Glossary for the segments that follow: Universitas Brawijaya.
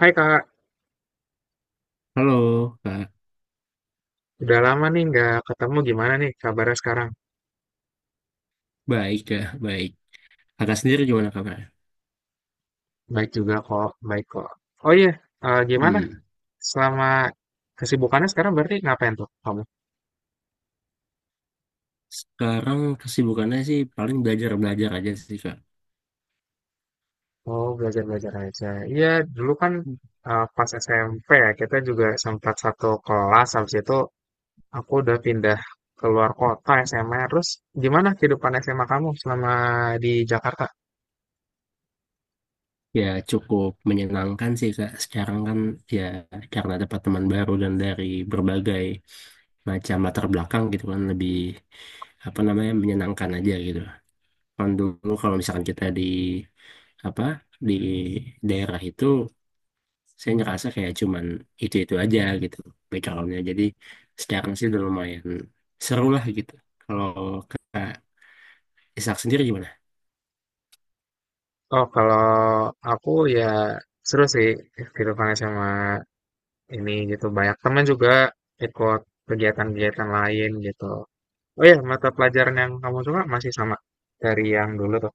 Hai, Kak, Halo, Kak. udah lama nih nggak ketemu. Gimana nih kabarnya sekarang? Baik, Kak. Baik. Kakak sendiri gimana kabarnya? Baik juga kok, baik kok. Oh iya, eh, gimana? Hmm. Selama kesibukannya sekarang berarti ngapain tuh kamu? Sekarang kesibukannya sih paling belajar-belajar aja sih, Kak. Oh, belajar-belajar aja. Iya, dulu kan pas SMP ya, kita juga sempat satu kelas. Habis itu aku udah pindah keluar kota SMA. Terus gimana kehidupan SMA kamu selama di Jakarta? Ya, cukup menyenangkan sih, Kak. Sekarang kan ya karena dapat teman baru dan dari berbagai macam latar belakang gitu kan lebih apa namanya menyenangkan aja gitu. Kan dulu kalau misalkan kita di apa di daerah itu saya ngerasa kayak cuman itu-itu aja gitu backgroundnya. Jadi sekarang sih udah lumayan seru lah gitu. Kalau Kak Ishak sendiri gimana? Oh, kalau aku ya seru sih kehidupan SMA ini gitu. Banyak teman juga ikut kegiatan-kegiatan lain gitu. Oh ya, mata pelajaran yang kamu suka masih sama dari yang dulu tuh.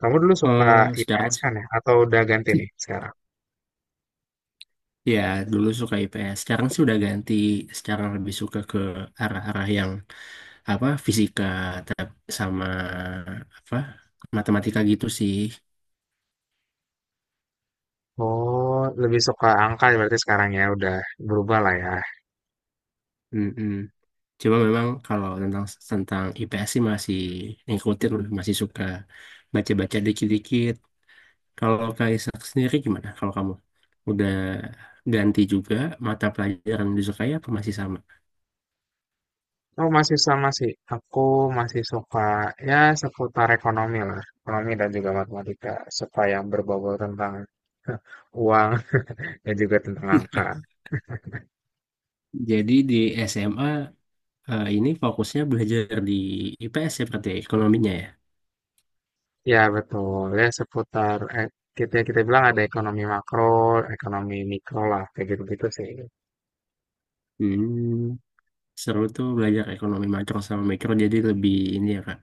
Kamu dulu suka Eh sekarang IPS sih kan ya? Atau udah ganti nih sekarang? Ya dulu suka IPS, sekarang sih udah ganti, sekarang lebih suka ke arah-arah yang apa fisika sama apa matematika gitu sih. Oh, lebih suka angka ya berarti, sekarang ya udah berubah lah ya. Mm-mm. Cuma memang kalau tentang tentang IPS sih masih ngikutin, masih suka baca-baca dikit-dikit. Kalau Kaisak sendiri gimana? Kalau kamu udah ganti juga mata pelajaran yang disukai apa masih sama? Oh, masih sama sih. Aku masih suka ya seputar ekonomi lah. Ekonomi dan juga matematika. Suka yang berbobot tentang uang dan juga tentang angka. Jadi di SMA ini fokusnya belajar di IPS ya berarti ya, ekonominya ya. Ya, betul. Ya, seputar kita kita bilang ada ekonomi makro, ekonomi mikro lah, kayak gitu-gitu sih. Hmm, Seru tuh belajar ekonomi makro sama mikro jadi lebih ini ya Kak,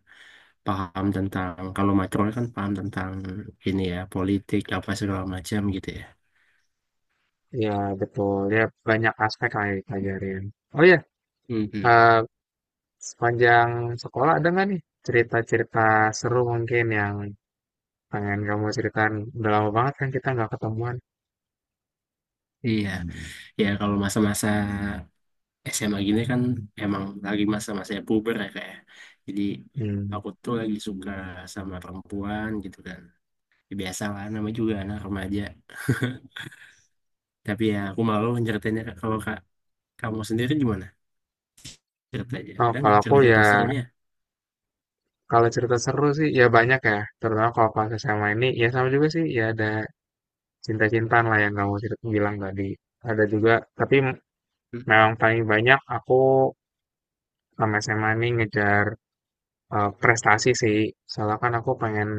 paham tentang kalau makro kan paham tentang ini ya politik apa segala macam gitu ya. Ya, betul. Ya, banyak aspek lah yang dipelajarin. Oh ya, Mhm. eh, sepanjang sekolah ada nggak nih cerita-cerita seru mungkin yang pengen kamu ceritain? Udah lama banget kan kita nggak ketemuan. Iya, ya kalau masa-masa SMA gini kan emang lagi masa masa puber ya kayak jadi Hmm. aku tuh lagi suka sama perempuan gitu kan. Ya, biasa lah namanya juga anak remaja, tapi ya aku malu ceritainnya, Kak. Kalau kak kamu sendiri gimana? Cerita aja, Oh, ada nggak kalau aku ya, cerita-cerita serunya? kalau cerita seru sih ya banyak ya. Terutama kalau pas SMA ini, ya sama juga sih. Ya, ada cinta-cintaan lah yang kamu cerita bilang tadi, ada juga, tapi Mm-mm. memang paling banyak aku sama SMA nih ngejar prestasi sih. Soalnya kan aku pengen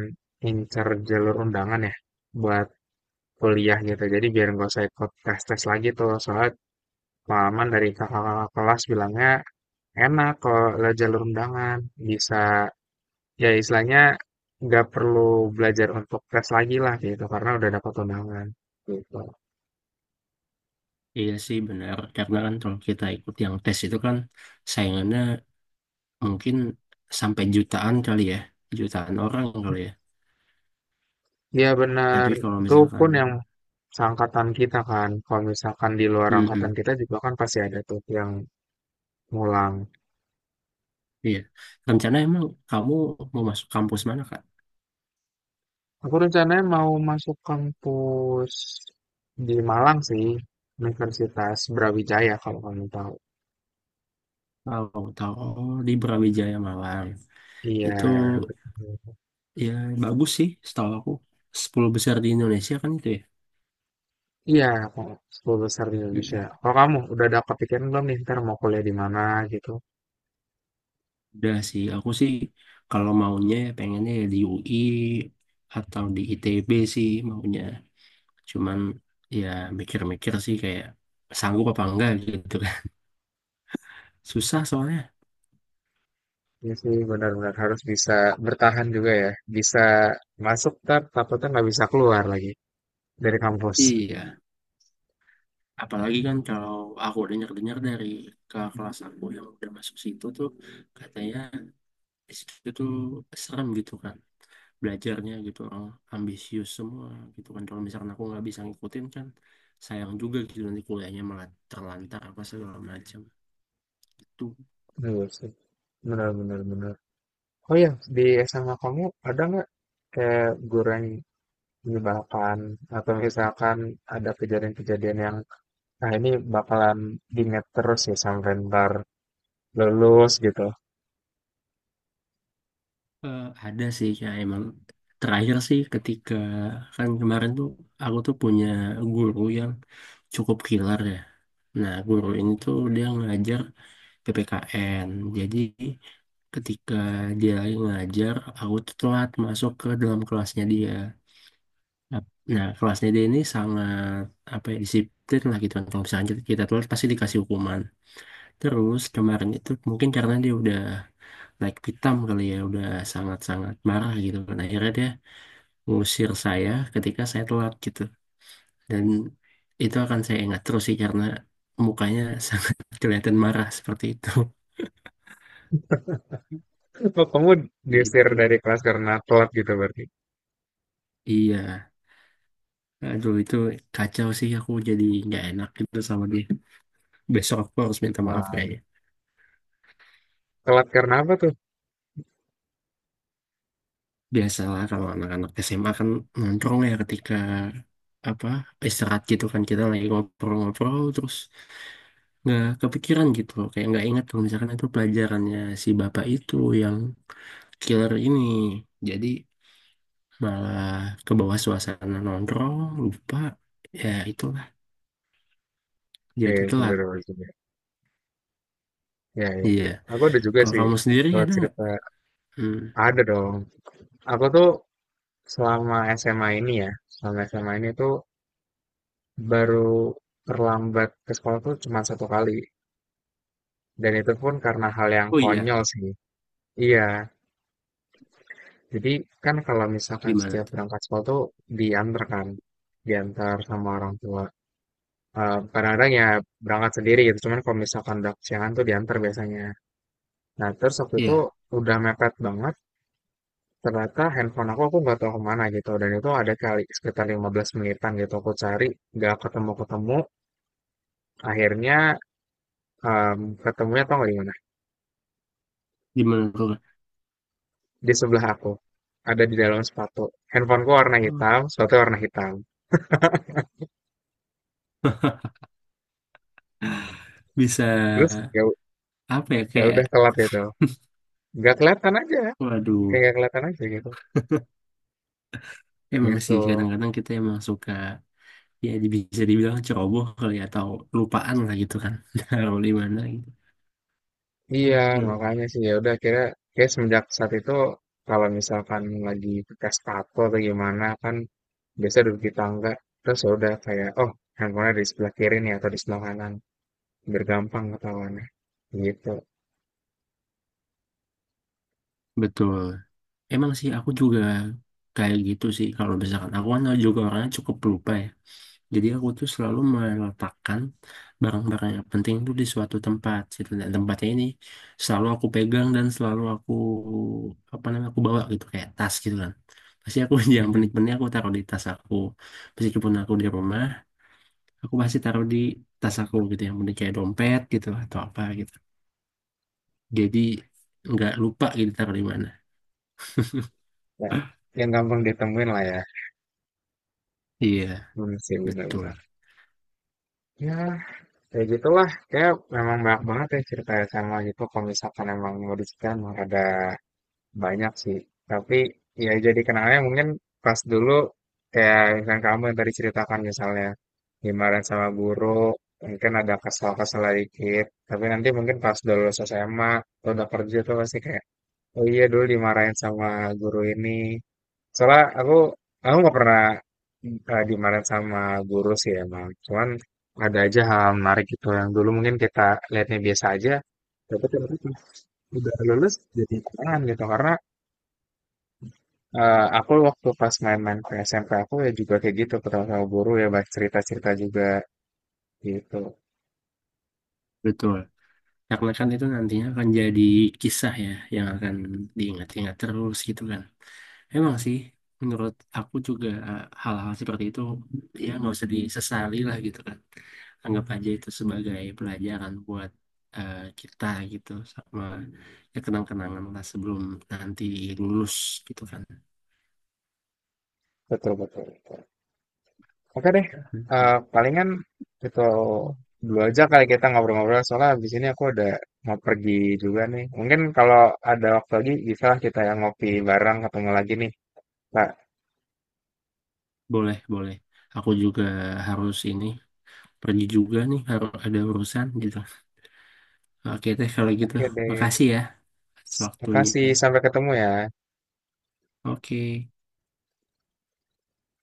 incer jalur undangan ya buat kuliah gitu. Jadi biar nggak usah ikut tes-tes lagi tuh. Soalnya pengalaman dari kakak-kakak kelas bilangnya enak kalau lewat jalur undangan. Bisa ya istilahnya nggak perlu belajar untuk tes lagi lah gitu karena udah dapat undangan gitu. Iya sih benar, karena kan kalau kita ikut yang tes itu kan saingannya mungkin sampai jutaan kali ya, jutaan orang kali ya, Iya benar, tapi kalau itu misalkan pun yang seangkatan kita kan, kalau misalkan di luar angkatan mm kita juga kan pasti ada tuh yang ngulang. iya, rencana emang kamu mau masuk kampus mana, Kak? Aku rencananya mau masuk kampus di Malang sih, Universitas Brawijaya kalau kamu tahu. Tahu, tahu. Oh, di Brawijaya Malang. Iya, Itu betul. ya bagus sih setahu aku. 10 besar di Indonesia kan itu ya. Iya, kok sepuluh besar di Indonesia. Mm-mm. Kalau kamu udah ada kepikiran belum nih, ntar mau kuliah di mana gitu? Udah sih, aku sih kalau maunya ya pengennya ya di UI atau di ITB sih maunya. Cuman ya mikir-mikir sih kayak sanggup apa enggak gitu kan. Susah soalnya. Iya sih, benar-benar harus bisa bertahan juga ya, bisa masuk ntar takutnya nggak bisa keluar lagi dari kampus. Iya, apalagi kan kalau aku dengar-dengar dari ke kelas aku yang udah masuk situ tuh katanya di situ tuh serem gitu kan belajarnya, gitu orang ambisius semua gitu kan, kalau misalkan aku nggak bisa ngikutin kan sayang juga gitu, nanti kuliahnya malah terlantar apa segala macam tuh. Bener sih. Benar, benar, benar. Oh ya, di SMA kamu ada nggak kayak guru yang menyebalkan atau misalkan ada kejadian-kejadian yang, nah, ini bakalan diingat terus ya sampai ntar lulus gitu. Ada sih ya emang, terakhir sih ketika kan kemarin tuh aku tuh punya guru yang cukup killer ya, nah guru ini tuh dia ngajar PPKN, jadi ketika dia lagi ngajar aku tuh telat masuk ke dalam kelasnya dia. Ap- Nah, kelas DD ini sangat apa ya disiplin lah gitu kan. Kalau misalnya kita telat pasti dikasih hukuman. Terus kemarin itu mungkin karena dia udah naik pitam kali ya, udah sangat-sangat marah gitu kan. Akhirnya dia ngusir saya ketika saya telat gitu. Dan itu akan saya ingat terus sih karena mukanya sangat kelihatan marah seperti itu. Oh, kamu diusir Gitu. dari kelas karena telat gitu berarti. Iya. Aduh, itu kacau sih, aku jadi nggak enak gitu sama dia. Besok aku harus minta maaf Wah, kayaknya. telat karena apa tuh? Biasalah kalau anak-anak SMA kan nongkrong ya ketika apa istirahat gitu kan, kita lagi ngobrol-ngobrol terus nggak kepikiran gitu kayak nggak ingat kalau misalkan itu pelajarannya si bapak itu yang killer ini, jadi malah ke bawah suasana nongkrong, lupa, ya itulah, Iya, jadi telat. sebenarnya juga. Ya, ya. Iya, Aku ada juga kalau sih kamu sendiri kalau ada nggak? cerita, Hmm. ada dong. Aku tuh selama SMA ini ya, selama SMA ini tuh baru terlambat ke sekolah tuh cuma satu kali. Dan itu pun karena hal yang Oh iya. konyol sih. Iya, jadi kan kalau misalkan Gimana setiap tuh? berangkat sekolah tuh diantar kan. Diantar sama orang tua. Eh, kadang-kadang ya berangkat sendiri gitu. Cuman kalau misalkan udah kesiangan tuh diantar biasanya. Nah, terus waktu itu Iya, udah mepet banget. Ternyata handphone aku, nggak tahu kemana gitu. Dan itu ada kali sekitar 15 menitan gitu. Aku cari, nggak ketemu-ketemu. Akhirnya ketemunya, tau nggak, gimana tuh? di sebelah aku ada di dalam sepatu. Handphoneku warna Hmm. hitam, sepatu warna hitam, Bisa terus ya apa ya, ya kayak udah telat gitu, nggak kelihatan aja, kayak waduh. nggak kelihatan aja gitu Emang sih gitu. kadang-kadang kita emang suka ya bisa dibilang ceroboh kali ya, atau lupaan lah gitu kan, taruh di mana gitu. Iya, Aduh. makanya sih ya udah akhirnya kayak semenjak saat itu kalau misalkan lagi pakai sepatu atau gimana kan biasa duduk di tangga, terus ya udah kayak, oh, handphonenya di sebelah kiri nih atau di sebelah kanan, biar gampang ketahuannya gitu. Betul. Emang sih aku juga kayak gitu sih, kalau misalkan aku kan juga orangnya cukup lupa ya. Jadi aku tuh selalu meletakkan barang-barang yang penting tuh di suatu tempat gitu. Dan tempatnya ini selalu aku pegang, dan selalu aku apa namanya aku bawa gitu, kayak tas gitu kan. Pasti aku yang Mhm. penting-penting aku taruh di tas aku. Meskipun aku di rumah aku masih taruh di tas aku gitu, yang penting kayak dompet gitu atau apa gitu, jadi nggak lupa gitu taruh di mana. Ya, yang gampang ditemuin lah ya. Iya Hmm, sih betul benar-benar ya. Kayak gitulah, kayak memang banyak banget ya cerita sama gitu, kalau misalkan emang mau diceritain emang rada banyak sih. Tapi ya jadi kenangannya mungkin pas dulu, kayak misalkan kamu yang tadi ceritakan misalnya dimarahin sama guru, mungkin ada kesal-kesal dikit. Tapi nanti mungkin pas udah lulus SMA atau udah kerja tuh pasti kayak, oh iya, dulu dimarahin sama guru ini. Soalnya aku, nggak pernah dimarahin sama guru sih emang. Cuman ada aja hal menarik gitu yang dulu mungkin kita lihatnya biasa aja. Tapi ternyata pas udah lulus jadi tantangan gitu karena aku waktu pas main-main ke SMP aku ya juga kayak gitu, ketemu sama guru ya banyak cerita-cerita juga gitu. betul, karena kan itu nantinya akan jadi kisah ya yang akan diingat-ingat terus gitu kan. Emang sih menurut aku juga hal-hal seperti itu ya nggak usah disesali lah gitu kan, anggap aja itu sebagai pelajaran buat kita gitu, sama ya kenang-kenangan lah sebelum nanti lulus gitu kan. Betul, betul. Oke deh. Eh, palingan itu dulu aja kali kita ngobrol-ngobrol soalnya habis ini aku ada mau pergi juga nih. Mungkin kalau ada waktu lagi bisa lah kita yang ngopi bareng ketemu lagi nih, Pak. Boleh, boleh. Aku juga harus ini pergi juga nih, harus ada urusan gitu. Oke teh kalau gitu. Oke deh, Makasih ya atas waktunya. makasih, sampai ketemu ya. Oke.